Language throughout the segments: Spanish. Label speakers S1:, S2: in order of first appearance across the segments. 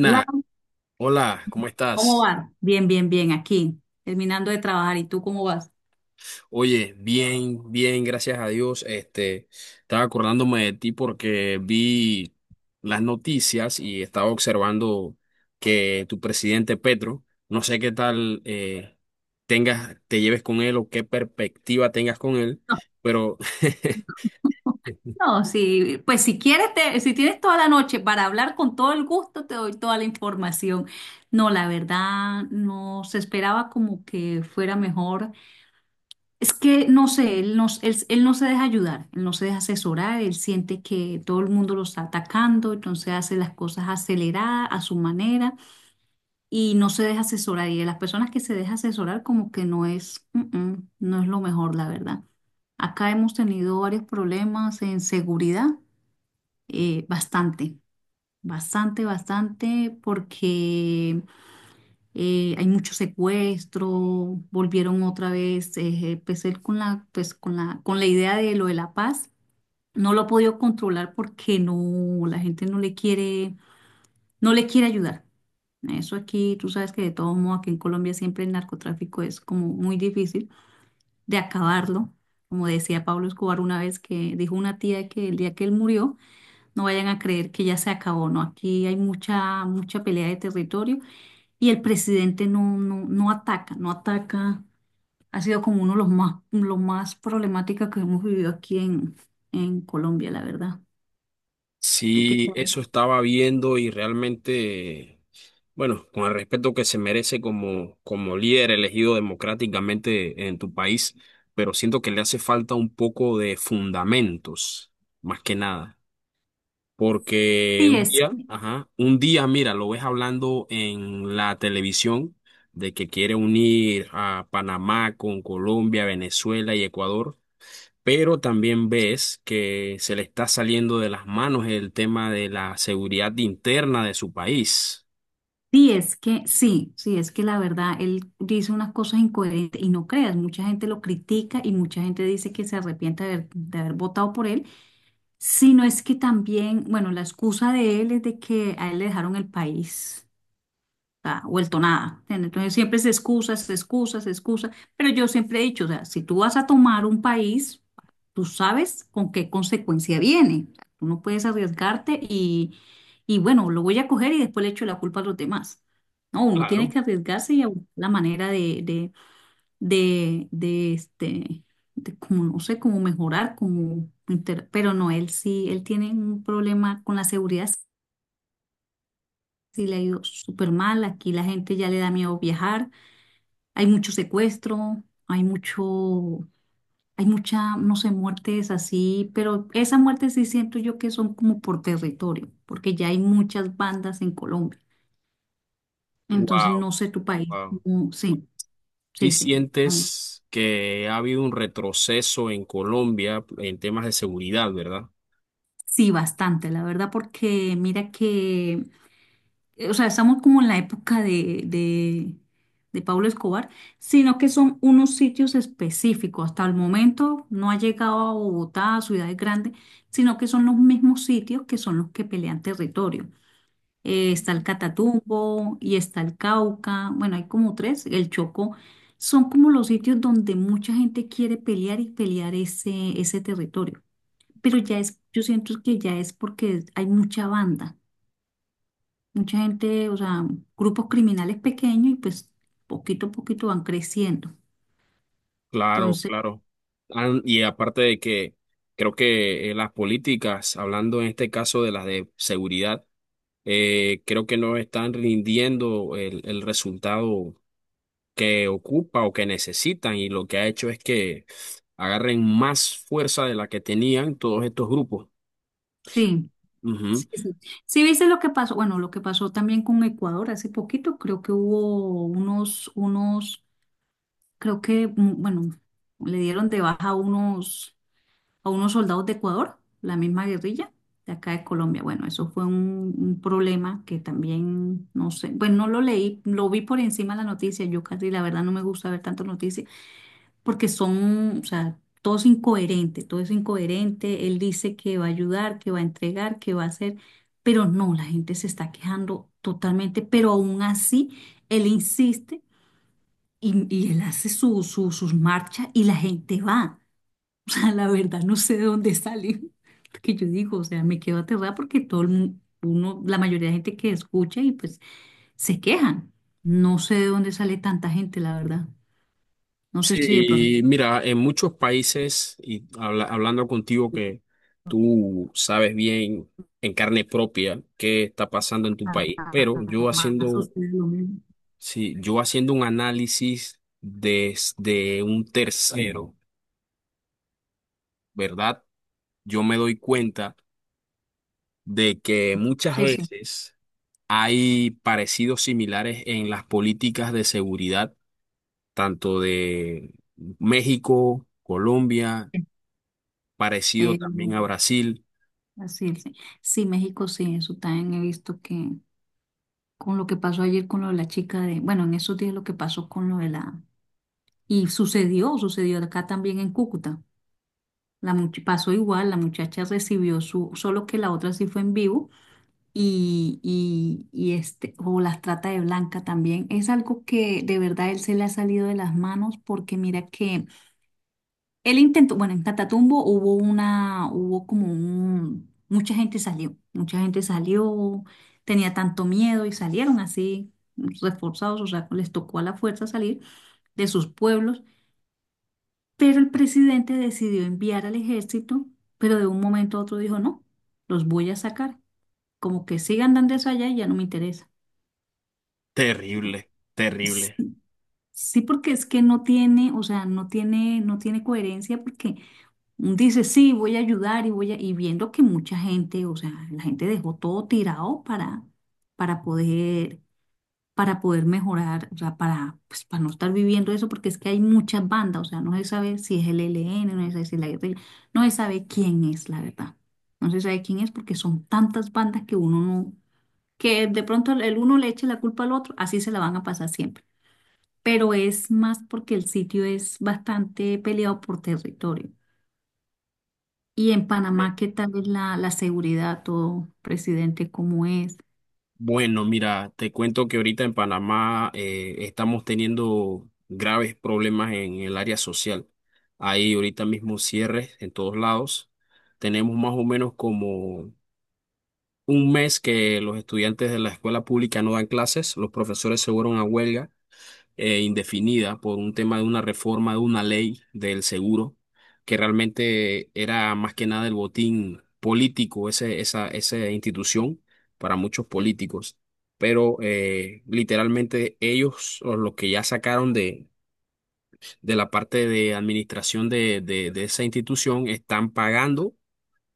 S1: Hola,
S2: hola, ¿cómo
S1: ¿cómo
S2: estás?
S1: va? Bien, bien, bien, aquí, terminando de trabajar. ¿Y tú cómo vas?
S2: Oye, bien, bien, gracias a Dios. Estaba acordándome de ti porque vi las noticias y estaba observando que tu presidente Petro, no sé qué tal tengas, te lleves con él o qué perspectiva tengas con él,
S1: No,
S2: pero
S1: no, sí, pues si quieres, si tienes toda la noche para hablar con todo el gusto, te doy toda la información. No, la verdad, no se esperaba como que fuera mejor. Es que, no sé, él no se deja ayudar, él no se deja asesorar, él siente que todo el mundo lo está atacando, entonces hace las cosas aceleradas a su manera. Y no se deja asesorar. Y de las personas que se deja asesorar, como que no es lo mejor, la verdad. Acá hemos tenido varios problemas en seguridad, bastante, bastante, bastante, porque hay mucho secuestro, volvieron otra vez, empecé con la idea de lo de la paz. No lo he podido controlar porque no, la gente no le quiere no le quiere ayudar. Eso aquí, tú sabes que de todo modo aquí en Colombia siempre el narcotráfico es como muy difícil de acabarlo. Como decía Pablo Escobar una vez que dijo una tía que el día que él murió, no vayan a creer que ya se acabó, ¿no? Aquí hay mucha, mucha pelea de territorio y el presidente no ataca, no ataca. Ha sido como uno de los más, lo más problemática que hemos vivido aquí en Colombia, la verdad. ¿Tú qué
S2: Sí,
S1: sabes?
S2: eso estaba viendo y realmente, bueno, con el respeto que se merece como, como líder elegido democráticamente en tu país, pero siento que le hace falta un poco de fundamentos, más que nada, porque
S1: Sí
S2: un
S1: es.
S2: día, ajá, un día, mira, lo ves hablando en la televisión de que quiere unir a Panamá con Colombia, Venezuela y Ecuador, pero también ves que se le está saliendo de las manos el tema de la seguridad interna de su país.
S1: Sí, es que, sí, sí, es que la verdad, él dice unas cosas incoherentes y no creas, mucha gente lo critica y mucha gente dice que se arrepiente de haber votado por él, sino es que también, bueno, la excusa de él es de que a él le dejaron el país sea, vuelto nada. ¿Entiendes? Entonces siempre es excusas, excusas, excusas. Pero yo siempre he dicho, o sea, si tú vas a tomar un país, tú sabes con qué consecuencia viene. O sea, tú no puedes arriesgarte y bueno, lo voy a coger y después le echo la culpa a los demás. No, uno tiene
S2: Claro.
S1: que arriesgarse y a buscar la manera este, de como, no sé, cómo mejorar, como, pero no, él sí, él tiene un problema con la seguridad, sí le ha ido súper mal, aquí la gente ya le da miedo viajar, hay mucho secuestro, hay mucho, hay mucha, no sé, muertes así, pero esas muertes sí siento yo que son como por territorio, porque ya hay muchas bandas en Colombia. Entonces,
S2: Wow,
S1: no sé tu país.
S2: wow.
S1: Sí,
S2: ¿Sí
S1: sí, sí. Ay,
S2: sientes que ha habido un retroceso en Colombia en temas de seguridad, ¿verdad?
S1: sí, bastante, la verdad, porque mira que o sea, estamos como en la época de Pablo Escobar, sino que son unos sitios específicos. Hasta el momento no ha llegado a Bogotá, a ciudades grandes, sino que son los mismos sitios que son los que pelean territorio. Está el Catatumbo y está el Cauca, bueno, hay como tres, el Chocó. Son como los sitios donde mucha gente quiere pelear y pelear ese, ese territorio. Pero ya es, yo siento que ya es porque hay mucha banda. Mucha gente, o sea, grupos criminales pequeños y pues poquito a poquito van creciendo.
S2: Claro,
S1: Entonces,
S2: claro. Y aparte de que creo que las políticas, hablando en este caso de las de seguridad, creo que no están rindiendo el resultado que ocupa o que necesitan, y lo que ha hecho es que agarren más fuerza de la que tenían todos estos grupos.
S1: sí,
S2: Ujú.
S1: sí, sí. Sí, viste lo que pasó, bueno, lo que pasó también con Ecuador hace poquito, creo que hubo creo que, bueno, le dieron de baja a unos soldados de Ecuador, la misma guerrilla de acá de Colombia. Bueno, eso fue un problema que también, no sé, bueno, no lo leí, lo vi por encima de la noticia, yo casi la verdad no me gusta ver tantas noticias porque son, o sea, todo es incoherente, todo es incoherente. Él dice que va a ayudar, que va a entregar, que va a hacer, pero no, la gente se está quejando totalmente, pero aún así él insiste y él hace sus marchas y la gente va. O sea, la verdad, no sé de dónde salen. Porque yo digo, o sea, me quedo aterrada porque todo el mundo, uno, la mayoría de gente que escucha y pues se quejan. No sé de dónde sale tanta gente, la verdad. No sé si de pronto.
S2: Sí, mira, en muchos países, y hablando contigo que tú sabes bien en carne propia qué está pasando en tu país, pero yo
S1: Panamá
S2: haciendo,
S1: sucede lo mismo.
S2: sí, yo haciendo un análisis desde un tercero, ¿verdad? Yo me doy cuenta de que muchas
S1: Sí, sí.
S2: veces hay parecidos similares en las políticas de seguridad, tanto de México, Colombia, parecido
S1: eh,
S2: también a Brasil.
S1: Así es. Sí, sí, México sí, eso también he visto que con lo que pasó ayer con lo de la chica de, bueno, en esos días lo que pasó con lo de la, y sucedió, sucedió acá también en Cúcuta. Pasó igual, la muchacha recibió su, solo que la otra sí fue en vivo y este, o las trata de blanca también. Es algo que de verdad él se le ha salido de las manos porque mira que él intentó, bueno, en Catatumbo hubo una, hubo como un, mucha gente salió, tenía tanto miedo y salieron así, reforzados, o sea, les tocó a la fuerza salir de sus pueblos, pero el presidente decidió enviar al ejército, pero de un momento a otro dijo, no, los voy a sacar, como que sigan dando eso allá y ya no me interesa.
S2: Terrible, terrible.
S1: Sí, porque es que no tiene, o sea, no tiene, no tiene coherencia porque dice, sí, voy a ayudar y voy a, y viendo que mucha gente, o sea, la gente dejó todo tirado para poder, para poder mejorar, o sea, para, pues, para no estar viviendo eso, porque es que hay muchas bandas, o sea, no se sabe si es el ELN, no se sabe si es la guerrilla, no se sabe quién es, la verdad. No se sabe quién es porque son tantas bandas que uno no, que de pronto el uno le eche la culpa al otro, así se la van a pasar siempre pero es más porque el sitio es bastante peleado por territorio. Y en
S2: Sí.
S1: Panamá, ¿qué tal es la seguridad, todo, presidente, cómo es?
S2: Bueno, mira, te cuento que ahorita en Panamá estamos teniendo graves problemas en el área social. Hay ahorita mismo cierres en todos lados. Tenemos más o menos como un mes que los estudiantes de la escuela pública no dan clases, los profesores se fueron a huelga indefinida por un tema de una reforma de una ley del seguro, que realmente era más que nada el botín político, ese, esa institución para muchos políticos. Pero literalmente ellos, o los que ya sacaron de la parte de administración de esa institución, están pagando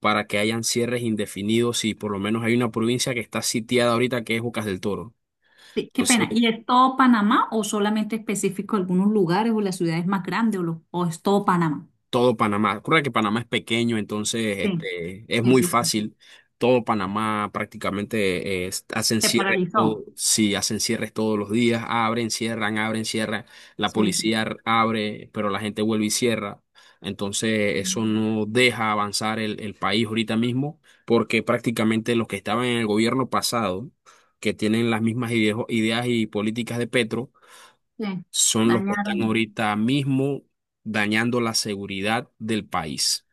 S2: para que hayan cierres indefinidos, y por lo menos hay una provincia que está sitiada ahorita, que es Bocas del Toro.
S1: Sí, qué
S2: Entonces
S1: pena. ¿Y es todo Panamá o solamente específico algunos lugares o las ciudades más grandes o es todo Panamá?
S2: todo Panamá. Ocurre que Panamá es pequeño, entonces
S1: Sí,
S2: es
S1: sí,
S2: muy
S1: sí, sí.
S2: fácil. Todo Panamá prácticamente hacen
S1: Se
S2: cierres todo,
S1: paralizó.
S2: sí, hacen cierres todos los días, abren, cierran, abren, cierran. La
S1: Sí, sí.
S2: policía abre, pero la gente vuelve y cierra. Entonces eso no deja avanzar el país ahorita mismo, porque prácticamente los que estaban en el gobierno pasado, que tienen las mismas ideas y políticas de Petro,
S1: Sí,
S2: son los que están
S1: dañaron.
S2: ahorita mismo dañando la seguridad del país.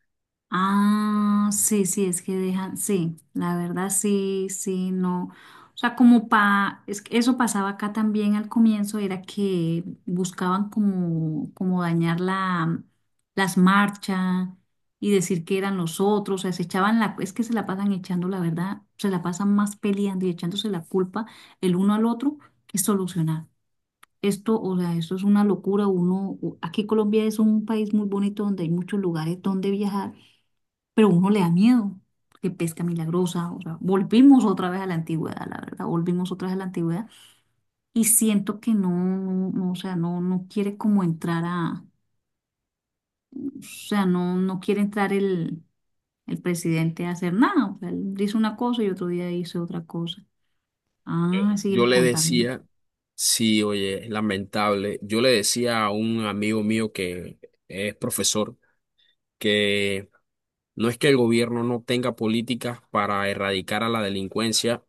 S1: Ah, sí, sí, es que dejan, sí, la verdad sí, sí, no. O sea, como pa, es que eso pasaba acá también al comienzo, era que buscaban como, como dañar la, las marchas y decir que eran los otros, o sea, se echaban la, es que se la pasan echando, la verdad, se la pasan más peleando y echándose la culpa el uno al otro que solucionar. Esto, o sea, esto es una locura, uno, aquí Colombia es un país muy bonito donde hay muchos lugares donde viajar pero uno le da miedo, que pesca milagrosa, o sea, volvimos otra vez a la antigüedad, la verdad, volvimos otra vez a la antigüedad y siento que no, no, no, o sea, no, no quiere como entrar a, o sea, no, no quiere entrar el presidente a hacer nada, o sea, él dice una cosa y otro día dice otra cosa. Ah, sigue
S2: Yo le
S1: contando.
S2: decía, sí, oye, es lamentable, yo le decía a un amigo mío que es profesor, que no es que el gobierno no tenga políticas para erradicar a la delincuencia,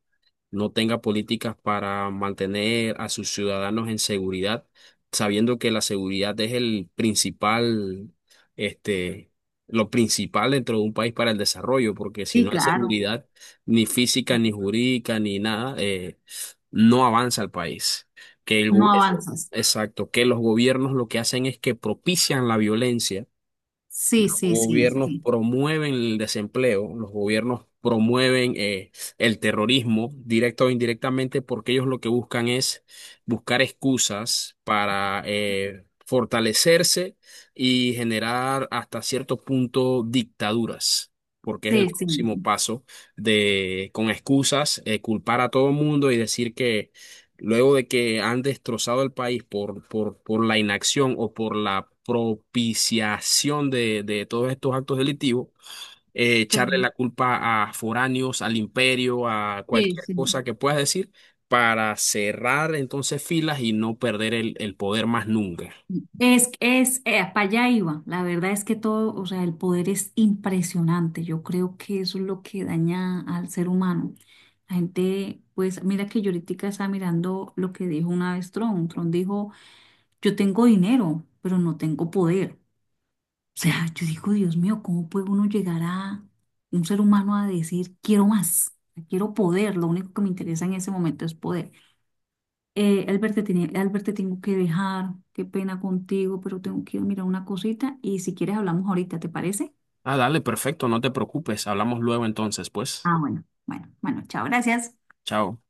S2: no tenga políticas para mantener a sus ciudadanos en seguridad, sabiendo que la seguridad es el principal, este, lo principal dentro de un país para el desarrollo, porque si
S1: Sí,
S2: no hay
S1: claro,
S2: seguridad, ni física, ni jurídica, ni nada, no avanza el país. Que
S1: no
S2: eso,
S1: avanzas.
S2: exacto, que los gobiernos lo que hacen es que propician la violencia,
S1: Sí, sí, sí,
S2: gobiernos
S1: sí,
S2: promueven el desempleo, los gobiernos promueven el terrorismo, directa o indirectamente, porque ellos lo que buscan es buscar excusas para fortalecerse y generar hasta cierto punto dictaduras. Porque es el
S1: sí, sí,
S2: próximo paso de, con excusas, culpar a todo el mundo y decir que, luego de que han destrozado el país por la inacción o por la propiciación de todos estos actos delictivos,
S1: sí,
S2: echarle la culpa a foráneos, al imperio, a
S1: sí,
S2: cualquier
S1: sí.
S2: cosa que puedas decir, para cerrar entonces filas y no perder el poder más nunca.
S1: Es, para allá iba. La verdad es que todo, o sea, el poder es impresionante. Yo creo que eso es lo que daña al ser humano. La gente, pues, mira que yo ahorita estaba mirando lo que dijo una vez Tron. Tron dijo, yo tengo dinero, pero no tengo poder. O sea, yo digo, Dios mío, ¿cómo puede uno llegar a un ser humano a decir, quiero más, quiero poder? Lo único que me interesa en ese momento es poder. Albert, te tengo que dejar. Qué pena contigo, pero tengo que ir a mirar una cosita y si quieres hablamos ahorita, ¿te parece?
S2: Ah, dale, perfecto, no te preocupes, hablamos luego entonces, pues.
S1: Ah, bueno. Bueno, bueno, chao, gracias.
S2: Chao.